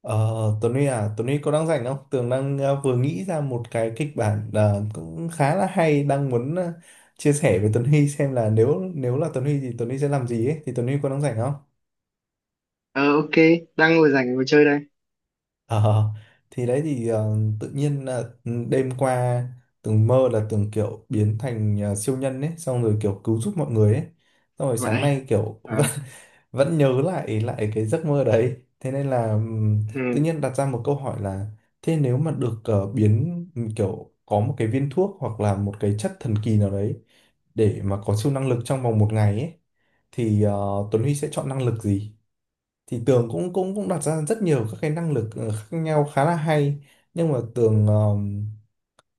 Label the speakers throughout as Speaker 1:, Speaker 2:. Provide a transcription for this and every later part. Speaker 1: Ờ, Tuấn Huy à, Tuấn Huy có đang rảnh không? Tường đang vừa nghĩ ra một cái kịch bản cũng khá là hay đang muốn chia sẻ với Tuấn Huy xem là nếu nếu là Tuấn Huy thì Tuấn Huy sẽ làm gì ấy thì Tuấn Huy có đang rảnh không?
Speaker 2: Ờ, ok, đang ngồi rảnh ngồi chơi đây.
Speaker 1: Ờ, thì đấy thì tự nhiên là đêm qua Tường mơ là Tường kiểu biến thành siêu nhân ấy xong rồi kiểu cứu giúp mọi người ấy xong rồi sáng
Speaker 2: Vậy.
Speaker 1: nay kiểu
Speaker 2: À,
Speaker 1: vẫn nhớ lại lại cái giấc mơ đấy, thế nên là tự
Speaker 2: ừ.
Speaker 1: nhiên đặt ra một câu hỏi là thế nếu mà được biến kiểu có một cái viên thuốc hoặc là một cái chất thần kỳ nào đấy để mà có siêu năng lực trong vòng một ngày ấy thì Tuấn Huy sẽ chọn năng lực gì? Thì Tường cũng cũng cũng đặt ra rất nhiều các cái năng lực khác nhau khá là hay, nhưng mà Tường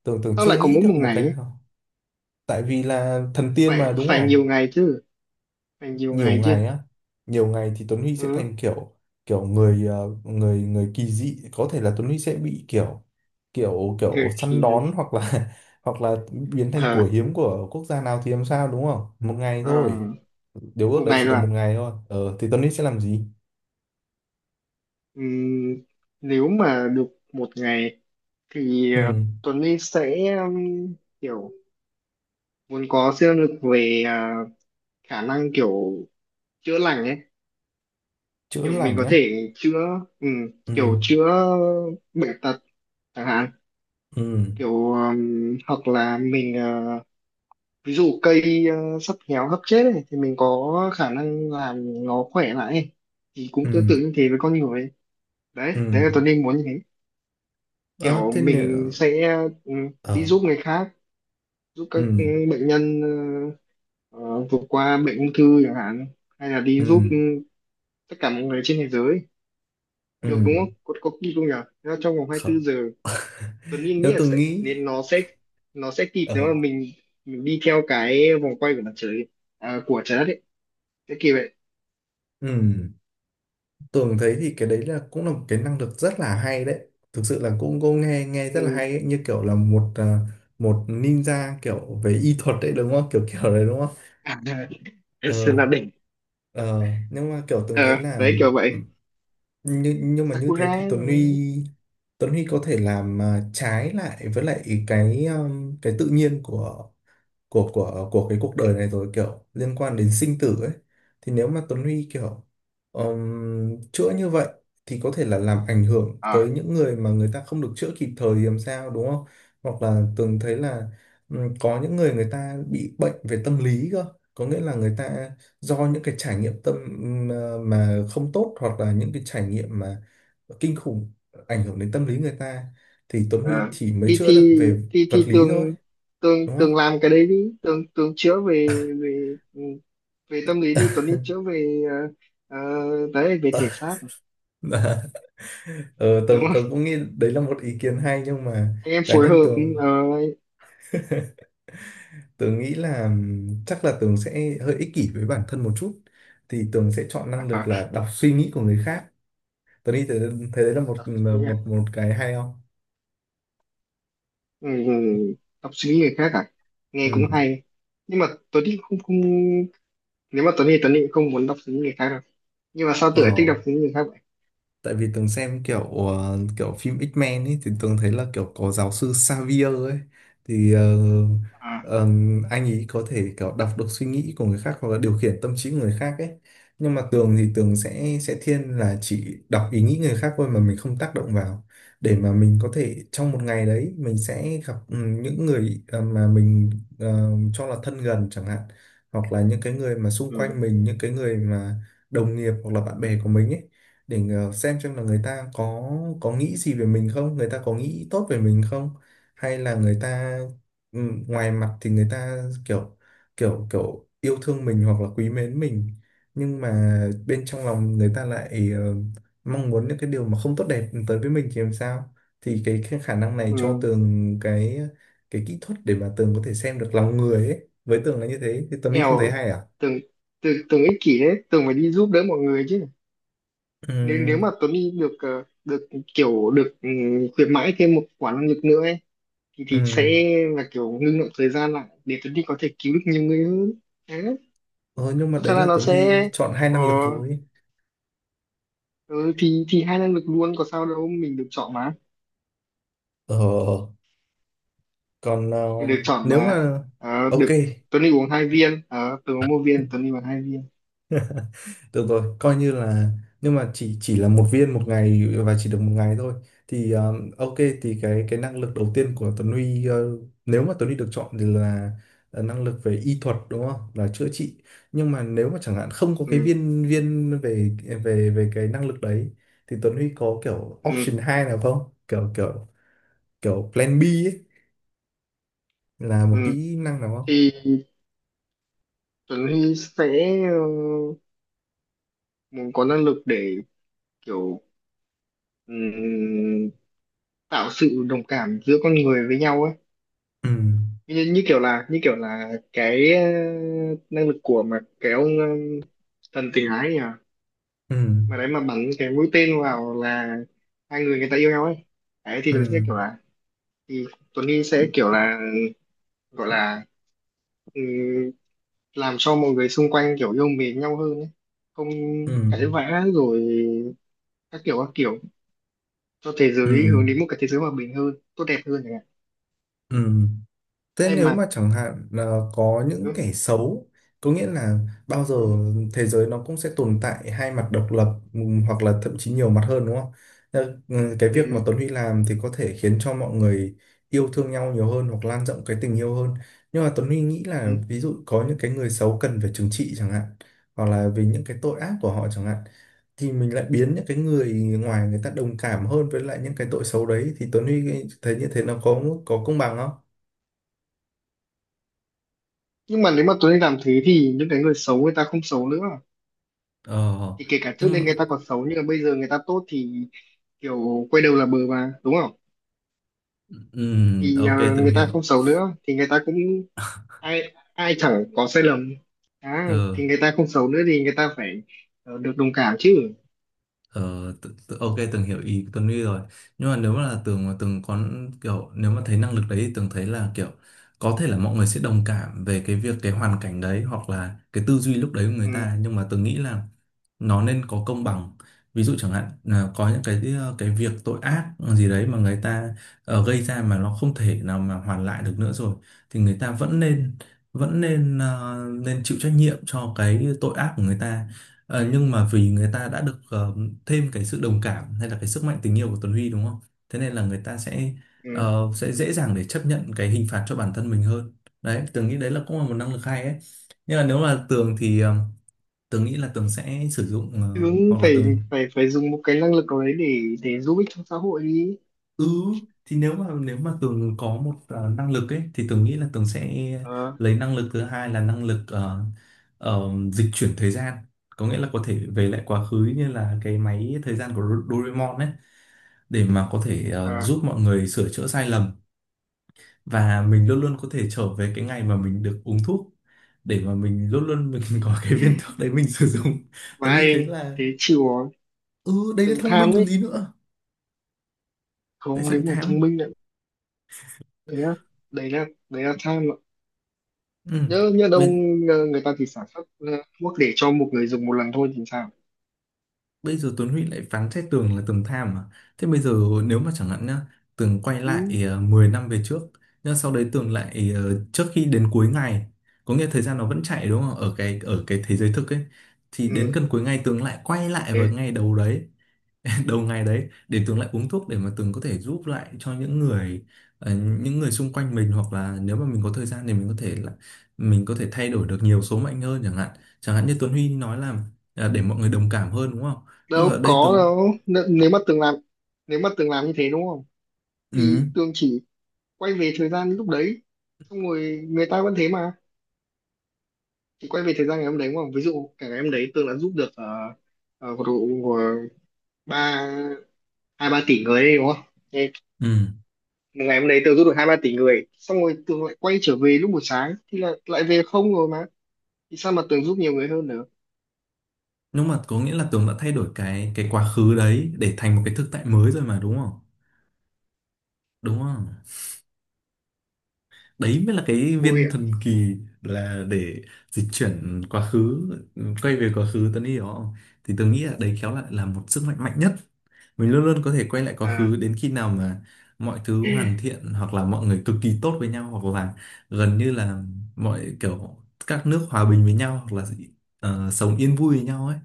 Speaker 1: Tường Tường
Speaker 2: Tao
Speaker 1: chưa
Speaker 2: lại có
Speaker 1: nghĩ
Speaker 2: mỗi một
Speaker 1: được một
Speaker 2: ngày
Speaker 1: cái
Speaker 2: ấy.
Speaker 1: nào. Tại vì là thần tiên
Speaker 2: Phải
Speaker 1: mà đúng
Speaker 2: phải
Speaker 1: không?
Speaker 2: nhiều ngày chứ. Phải nhiều
Speaker 1: Nhiều
Speaker 2: ngày chứ.
Speaker 1: ngày á, nhiều ngày thì Tuấn Huy sẽ
Speaker 2: Ừ.
Speaker 1: thành kiểu kiểu người người người kỳ dị, có thể là Tuấn Huy sẽ bị kiểu kiểu kiểu
Speaker 2: Người
Speaker 1: săn
Speaker 2: thì
Speaker 1: đón hoặc là hoặc là biến thành
Speaker 2: ờ
Speaker 1: của hiếm của quốc gia nào thì làm sao đúng không? Một ngày
Speaker 2: ờ,
Speaker 1: thôi, điều ước
Speaker 2: một
Speaker 1: đấy
Speaker 2: ngày
Speaker 1: chỉ được
Speaker 2: là
Speaker 1: một ngày thôi, ờ thì Tuấn Huy sẽ làm gì?
Speaker 2: Ừm, nếu mà được một ngày thì,
Speaker 1: Ừ.
Speaker 2: Tuấn Linh sẽ, kiểu muốn có siêu năng lực về, khả năng kiểu chữa lành ấy,
Speaker 1: Chữa
Speaker 2: kiểu mình
Speaker 1: lành
Speaker 2: có
Speaker 1: á?
Speaker 2: thể chữa, ừm,
Speaker 1: Ừ.
Speaker 2: kiểu chữa bệnh tật chẳng hạn,
Speaker 1: Ừ.
Speaker 2: kiểu, hoặc là mình, ví dụ cây, sắp héo sắp chết ấy, thì mình có khả năng làm nó khỏe lại ấy, thì cũng tương
Speaker 1: Ừ.
Speaker 2: tự như thế với con người ấy. Đấy,
Speaker 1: Ừ.
Speaker 2: đấy là Tuấn Linh muốn như thế.
Speaker 1: Ờ
Speaker 2: Kiểu
Speaker 1: thế nữa?
Speaker 2: mình sẽ, đi
Speaker 1: Ờ.
Speaker 2: giúp người khác, giúp các,
Speaker 1: Ừ.
Speaker 2: bệnh nhân, ờ, vượt qua bệnh ung thư chẳng hạn, hay là đi giúp,
Speaker 1: Ừ.
Speaker 2: tất cả mọi người trên thế giới
Speaker 1: Ừ.
Speaker 2: được, đúng không? Có, có kỳ không nhỉ? Thế là trong vòng
Speaker 1: Không.
Speaker 2: 24 giờ Tuấn Linh nghĩ
Speaker 1: Nếu
Speaker 2: là
Speaker 1: tôi
Speaker 2: sẽ,
Speaker 1: nghĩ
Speaker 2: nên nó sẽ kịp, nếu
Speaker 1: ờ
Speaker 2: mà mình đi theo cái vòng quay của mặt trời, à, của trái đất ấy, sẽ kịp vậy.
Speaker 1: ừ, Tường thấy thì cái đấy là cũng là một cái năng lực rất là hay đấy, thực sự là cũng cô nghe nghe rất là
Speaker 2: Ừ.
Speaker 1: hay ấy. Như kiểu là một một ninja kiểu về y thuật đấy đúng không, kiểu kiểu đấy đúng không?
Speaker 2: À, Sơn
Speaker 1: Ờ.
Speaker 2: La đỉnh.
Speaker 1: Ờ nhưng mà kiểu
Speaker 2: Ờ,
Speaker 1: Tường thấy là,
Speaker 2: đấy kiểu vậy.
Speaker 1: nhưng mà như thế
Speaker 2: Sakura
Speaker 1: thì
Speaker 2: này.
Speaker 1: Tuấn Huy có thể làm trái lại với lại cái tự nhiên của của cái cuộc đời này rồi, kiểu liên quan đến sinh tử ấy, thì nếu mà Tuấn Huy kiểu chữa như vậy thì có thể là làm ảnh hưởng tới
Speaker 2: À,
Speaker 1: những người mà người ta không được chữa kịp thời thì làm sao đúng không? Hoặc là Tường thấy là có những người người ta bị bệnh về tâm lý cơ, có nghĩa là người ta do những cái trải nghiệm tâm mà không tốt hoặc là những cái trải nghiệm mà kinh khủng ảnh hưởng đến tâm lý người ta, thì Tuấn Huy
Speaker 2: à.
Speaker 1: chỉ mới
Speaker 2: thì
Speaker 1: chữa được
Speaker 2: thì
Speaker 1: về
Speaker 2: thì
Speaker 1: vật
Speaker 2: thì
Speaker 1: lý
Speaker 2: tường
Speaker 1: thôi
Speaker 2: tường
Speaker 1: đúng không?
Speaker 2: tường làm cái đấy đi, tường tường chữa về về ừ, về tâm lý đi, Tuấn Linh chữa về, đấy, về thể xác,
Speaker 1: Dạ. Ờ,
Speaker 2: đúng
Speaker 1: tường tường
Speaker 2: không?
Speaker 1: cũng nghĩ đấy là một ý kiến hay, nhưng mà
Speaker 2: Anh em
Speaker 1: cá
Speaker 2: phối
Speaker 1: nhân
Speaker 2: hợp. Ừ,
Speaker 1: tường,
Speaker 2: ờ,
Speaker 1: tường nghĩ là chắc là tường sẽ hơi ích kỷ với bản thân một chút, thì tường sẽ chọn năng lực là đọc suy nghĩ của người khác. Tường nghĩ thế, thế đấy là một một một cái hay không?
Speaker 2: ừ, đọc suy nghĩ người khác à? Nghe cũng
Speaker 1: Ừ.
Speaker 2: hay. Nhưng mà Tuấn Định không, không, nếu mà Tuấn Định không muốn đọc suy nghĩ người khác đâu. Nhưng mà sao
Speaker 1: Ờ.
Speaker 2: tựa thích đọc suy nghĩ người khác vậy?
Speaker 1: Tại vì Tường xem kiểu kiểu phim X-Men ấy thì Tường thấy là kiểu có giáo sư Xavier ấy, thì
Speaker 2: À.
Speaker 1: ờ, anh ấy có thể kiểu đọc được suy nghĩ của người khác hoặc là điều khiển tâm trí của người khác ấy, nhưng mà Tường thì Tường sẽ thiên là chỉ đọc ý nghĩ người khác thôi mà mình không tác động vào, để mà mình có thể trong một ngày đấy mình sẽ gặp những người mà mình cho là thân gần chẳng hạn, hoặc là những cái người mà xung
Speaker 2: Ừ.
Speaker 1: quanh mình, những cái người mà đồng nghiệp hoặc là bạn bè của mình ấy, để ngờ- xem là người ta có nghĩ gì về mình không, người ta có nghĩ tốt về mình không, hay là người ta ừ, ngoài mặt thì người ta kiểu kiểu kiểu yêu thương mình hoặc là quý mến mình, nhưng mà bên trong lòng người ta lại mong muốn những cái điều mà không tốt đẹp tới với mình thì làm sao? Thì cái khả năng này cho
Speaker 2: Ừ.
Speaker 1: Tường cái kỹ thuật để mà Tường có thể xem được lòng người ấy. Với Tường là như thế, thì Tuấn Huy không thấy
Speaker 2: Eo,
Speaker 1: hay à?
Speaker 2: tưởng tưởng tưởng ích kỷ đấy, tưởng phải đi giúp đỡ mọi người chứ. Nếu nếu mà
Speaker 1: Ừ,
Speaker 2: Tuấn Đi được, được kiểu được ừ, khuyến mãi thêm một quả năng lực nữa ấy, thì
Speaker 1: ừ.
Speaker 2: sẽ là kiểu ngưng động thời gian lại, để Tuấn Đi có thể cứu được nhiều người hơn đấy.
Speaker 1: Ờ, nhưng mà
Speaker 2: Thật ra
Speaker 1: đấy
Speaker 2: là
Speaker 1: là
Speaker 2: nó
Speaker 1: Tuấn Huy
Speaker 2: sẽ
Speaker 1: chọn hai
Speaker 2: ờ,
Speaker 1: năng lực thôi.
Speaker 2: ừ, thì hai năng lực luôn, có sao đâu, mình được chọn mà,
Speaker 1: Ờ, còn ờ,
Speaker 2: mình được chọn
Speaker 1: nếu
Speaker 2: mà.
Speaker 1: mà
Speaker 2: Ờ,
Speaker 1: ok,
Speaker 2: được. Tuấn đi uống hai viên. Ờ, Tường uống một viên, Tuấn đi uống hai viên.
Speaker 1: được rồi coi như là, nhưng mà chỉ là một viên một ngày và chỉ được một ngày thôi thì ok, thì cái năng lực đầu tiên của Tuấn Huy nếu mà Tuấn Huy được chọn thì là năng lực về y thuật đúng không, là chữa trị, nhưng mà nếu mà chẳng hạn không có cái
Speaker 2: Ừ,
Speaker 1: viên viên về về về cái năng lực đấy thì Tuấn Huy có kiểu option
Speaker 2: ừ,
Speaker 1: 2 nào không, kiểu kiểu kiểu plan B ấy, là một
Speaker 2: ừ.
Speaker 1: kỹ năng nào không?
Speaker 2: Thì Tuấn Huy sẽ, ờ, muốn có năng lực để kiểu, ừm, tạo sự đồng cảm giữa con người với nhau ấy.
Speaker 1: Ừ.
Speaker 2: Như kiểu là cái, năng lực của mà cái ông, thần tình ái nhỉ,
Speaker 1: Ừ.
Speaker 2: mà đấy mà bắn cái mũi tên vào là hai người, người ta yêu nhau ấy. Đấy thì nó sẽ
Speaker 1: Ừ.
Speaker 2: kiểu là, thì Tuấn Nghi sẽ kiểu là, gọi là, ừm, làm cho mọi người xung quanh kiểu yêu mến nhau hơn ấy. Không
Speaker 1: Ừ.
Speaker 2: cãi vã rồi, các kiểu, các kiểu, cho thế
Speaker 1: Ừ.
Speaker 2: giới hướng đến một cái thế giới hòa bình hơn, tốt đẹp hơn chẳng hạn.
Speaker 1: Ừ. Thế
Speaker 2: Hay
Speaker 1: nếu
Speaker 2: mà.
Speaker 1: mà chẳng hạn là có những
Speaker 2: Ừ,
Speaker 1: kẻ xấu, có nghĩa là bao giờ
Speaker 2: ừ,
Speaker 1: thế giới nó cũng sẽ tồn tại hai mặt độc lập, hoặc là thậm chí nhiều mặt hơn đúng không? Cái việc mà
Speaker 2: ừ,
Speaker 1: Tuấn Huy làm thì có thể khiến cho mọi người yêu thương nhau nhiều hơn hoặc lan rộng cái tình yêu hơn. Nhưng mà Tuấn Huy nghĩ
Speaker 2: ừ.
Speaker 1: là ví dụ có những cái người xấu cần phải trừng trị chẳng hạn, hoặc là vì những cái tội ác của họ chẳng hạn, thì mình lại biến những cái người ngoài người ta đồng cảm hơn với lại những cái tội xấu đấy, thì Tuấn Huy thấy như thế nó có công bằng không?
Speaker 2: Nhưng mà nếu mà Tuấn Nghi làm thế thì những cái người xấu, người ta không xấu nữa,
Speaker 1: Ờ,
Speaker 2: thì kể cả trước
Speaker 1: nhưng
Speaker 2: đây
Speaker 1: mà,
Speaker 2: người ta còn xấu nhưng mà bây giờ người ta tốt thì kiểu quay đầu là bờ mà, đúng không? Thì,
Speaker 1: ok, từng
Speaker 2: người ta
Speaker 1: hiểu.
Speaker 2: không xấu nữa thì người ta cũng, ai ai chẳng có sai lầm. À, thì
Speaker 1: Ờ.
Speaker 2: người ta không xấu nữa thì người ta phải, được đồng cảm chứ.
Speaker 1: Ờ, tự, tự, ok, Tường hiểu ý Tuấn Huy rồi, nhưng mà nếu mà là Tường mà Tường có kiểu, nếu mà thấy năng lực đấy thì Tường thấy là kiểu có thể là mọi người sẽ đồng cảm về cái việc cái hoàn cảnh đấy hoặc là cái tư duy lúc đấy của người
Speaker 2: Ừ,
Speaker 1: ta, nhưng mà Tường nghĩ là nó nên có công bằng. Ví dụ chẳng hạn là có những cái cái việc tội ác gì đấy mà người ta gây ra mà nó không thể nào mà hoàn lại được nữa rồi, thì người ta vẫn nên vẫn nên ờ, nên chịu trách nhiệm cho cái tội ác của người ta. Ờ, nhưng mà vì người ta đã được thêm cái sự đồng cảm hay là cái sức mạnh tình yêu của Tuấn Huy đúng không? Thế nên là người ta sẽ
Speaker 2: ừ.
Speaker 1: sẽ dễ dàng để chấp nhận cái hình phạt cho bản thân mình hơn. Đấy, Tường nghĩ đấy là cũng là một năng lực hay ấy. Nhưng mà nếu là Tường thì Tường nghĩ là Tường sẽ sử dụng
Speaker 2: Đúng,
Speaker 1: hoặc là
Speaker 2: phải
Speaker 1: Tường
Speaker 2: phải phải dùng một cái năng lực nào đấy để giúp ích cho xã hội đi.
Speaker 1: ừ, thì nếu mà Tường có một năng lực ấy thì Tường nghĩ là Tường sẽ
Speaker 2: ờ
Speaker 1: lấy năng lực thứ hai là năng lực dịch chuyển thời gian. Có nghĩa là có thể về lại quá khứ như là cái máy thời gian của Doraemon ấy, để mà có thể
Speaker 2: à,
Speaker 1: giúp mọi người sửa chữa sai lầm, và mình luôn luôn có thể trở về cái ngày mà mình được uống thuốc, để mà mình luôn luôn mình có cái viên thuốc đấy mình sử dụng.
Speaker 2: mà
Speaker 1: Tớ nghĩ thấy
Speaker 2: ai
Speaker 1: là
Speaker 2: thế chịu rồi.
Speaker 1: ừ, đây là
Speaker 2: Tự
Speaker 1: thông minh
Speaker 2: tham
Speaker 1: còn
Speaker 2: đấy.
Speaker 1: gì nữa. Tại
Speaker 2: Không,
Speaker 1: sao
Speaker 2: nếu
Speaker 1: lại
Speaker 2: mà thông
Speaker 1: tham?
Speaker 2: minh nữa. Thế á? Đấy là tham ạ.
Speaker 1: Ừ.
Speaker 2: Nhớ nhớ đâu.
Speaker 1: Bây,
Speaker 2: Người ta thì sản xuất, thuốc để cho một người dùng một lần thôi thì sao?
Speaker 1: bây giờ Tuấn Huy lại phán xét Tường là Tường tham à? Thế bây giờ nếu mà chẳng hạn nhá, Tường quay
Speaker 2: Ừ,
Speaker 1: lại 10 năm về trước, nhưng sau đấy Tường lại trước khi đến cuối ngày, có nghĩa thời gian nó vẫn chạy đúng không, ở cái thế giới thực ấy, thì đến
Speaker 2: ừ,
Speaker 1: gần cuối ngày Tường lại quay lại vào
Speaker 2: ok.
Speaker 1: ngày đầu đấy, đầu ngày đấy để Tường lại uống thuốc, để mà Tường có thể giúp lại cho những người những người xung quanh mình, hoặc là nếu mà mình có thời gian thì mình có thể thay đổi được nhiều số mệnh hơn chẳng hạn. Chẳng hạn như Tuấn Huy nói là à, để mọi người đồng cảm hơn đúng không, nhưng mà
Speaker 2: Đâu
Speaker 1: ở đây
Speaker 2: có
Speaker 1: Tường
Speaker 2: đâu. N nếu mà từng làm nếu mà từng làm như thế đúng không? Thì
Speaker 1: ừ,
Speaker 2: Tường chỉ quay về thời gian lúc đấy, xong rồi người ta vẫn thế mà, chỉ quay về thời gian ngày hôm đấy mà, ví dụ cả ngày hôm đấy Tường đã giúp được, uh, uh, ba hai ba tỷ người đấy, đúng không? Thế
Speaker 1: ừ,
Speaker 2: một ngày hôm đấy Tường giúp được hai ba tỷ người, xong rồi Tường lại quay trở về lúc buổi sáng thì lại lại về không rồi mà, thì sao mà Tường giúp nhiều người hơn nữa?
Speaker 1: nhưng mà có nghĩa là Tường đã thay đổi cái quá khứ đấy để thành một cái thực tại mới rồi mà đúng không? Đúng không? Đấy mới là cái
Speaker 2: Ôi
Speaker 1: viên
Speaker 2: ạ.
Speaker 1: thần kỳ, là để dịch chuyển quá khứ, quay về quá khứ, Tuấn hiểu không? Thì tôi nghĩ là đấy khéo lại là một sức mạnh mạnh nhất, mình luôn luôn có thể quay lại quá
Speaker 2: À,
Speaker 1: khứ đến khi nào mà mọi thứ hoàn thiện, hoặc là mọi người cực kỳ tốt với nhau, hoặc là gần như là mọi kiểu các nước hòa bình với nhau, hoặc là sống yên vui với nhau ấy,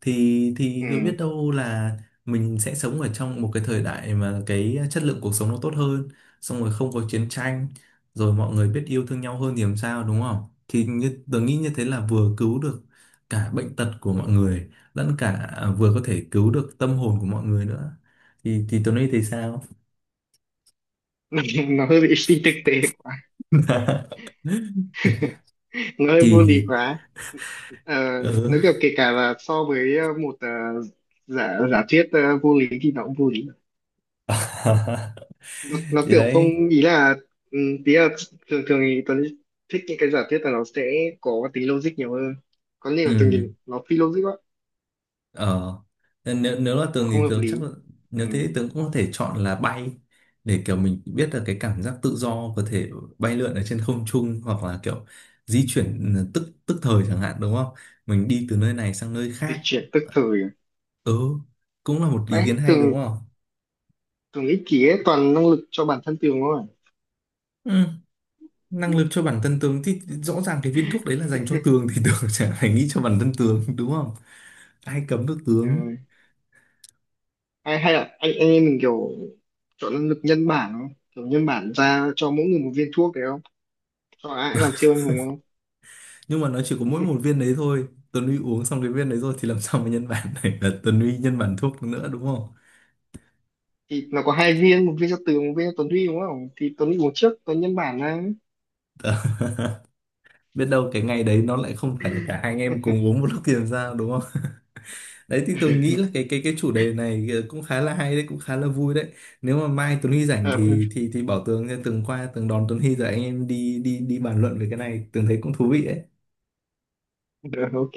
Speaker 1: thì cứ
Speaker 2: ừ.
Speaker 1: biết đâu là mình sẽ sống ở trong một cái thời đại mà cái chất lượng cuộc sống nó tốt hơn, xong rồi không có chiến tranh, rồi mọi người biết yêu thương nhau hơn thì làm sao đúng không? Thì tớ nghĩ như thế là vừa cứu được cả bệnh tật của mọi người, lẫn cả à, vừa có thể cứu được tâm hồn của mọi người nữa, thì Tuấn nghĩ thì sao?
Speaker 2: Nó hơi bị phi thực tế quá. Nó hơi vô lý
Speaker 1: Thì
Speaker 2: quá. Ờ,
Speaker 1: ừ.
Speaker 2: nếu kiểu kể cả là so với, một, giả giả thuyết, vô lý thì nó cũng vô lý. Nó
Speaker 1: Thì
Speaker 2: kiểu
Speaker 1: đấy
Speaker 2: không, ý là, tí là thường thường thì Tuấn thích những cái giả thuyết là nó sẽ có tính logic nhiều hơn, có nhiều từng
Speaker 1: ừ
Speaker 2: nhìn nó phi logic quá.
Speaker 1: ờ, nên nếu nếu là
Speaker 2: Nó
Speaker 1: tường
Speaker 2: không
Speaker 1: thì
Speaker 2: hợp
Speaker 1: tường chắc
Speaker 2: lý.
Speaker 1: là, nếu
Speaker 2: Ừ.
Speaker 1: thế thì tường cũng có thể chọn là bay, để kiểu mình biết là cái cảm giác tự do, có thể bay lượn ở trên không trung, hoặc là kiểu di chuyển tức tức thời chẳng hạn đúng không, mình đi từ nơi này sang nơi khác.
Speaker 2: Dịch chuyển tức thời à?
Speaker 1: Ừ, cũng là một ý kiến
Speaker 2: Ấy
Speaker 1: hay đúng
Speaker 2: từng
Speaker 1: không.
Speaker 2: từng ích kỷ ấy, toàn năng lực cho bản thân tường thôi.
Speaker 1: Ừ, năng lực cho bản thân tường thì rõ ràng cái viên thuốc đấy là dành cho tường thì tường chả phải nghĩ cho bản thân tường đúng không, ai cấm được
Speaker 2: À?
Speaker 1: tường.
Speaker 2: Ừ. hay hay là anh em mình kiểu chọn năng lực nhân bản không, kiểu nhân bản ra cho mỗi người một viên thuốc đấy không, cho ai cũng làm siêu anh hùng không?
Speaker 1: Nhưng mà nó chỉ có mỗi một viên đấy thôi, Tuấn Huy uống xong cái viên đấy rồi thì làm sao mà nhân bản này, là Tuấn Huy nhân bản thuốc nữa đúng không.
Speaker 2: Thì nó có hai viên, một viên cho Tường, một viên cho Tuấn Huy, đúng không? Thì Tuấn Huy uống trước, Tuấn nhân bản ra.
Speaker 1: Đó. Biết đâu cái ngày đấy nó lại không phải là cả hai anh em cùng uống một lúc thì làm sao đúng không. Đấy thì tường nghĩ là cái chủ đề này cũng khá là hay đấy, cũng khá là vui đấy. Nếu mà mai Tuấn Huy rảnh
Speaker 2: Ờ,
Speaker 1: thì thì bảo tường nha, tường qua tường đón Tuấn Huy rồi anh em đi đi đi bàn luận về cái này, tường thấy cũng thú vị đấy.
Speaker 2: ok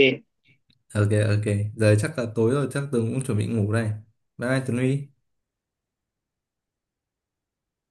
Speaker 1: Ok, ok. Giờ chắc là tối rồi, chắc Tường cũng chuẩn bị ngủ đây. Bye bye Tường Huy.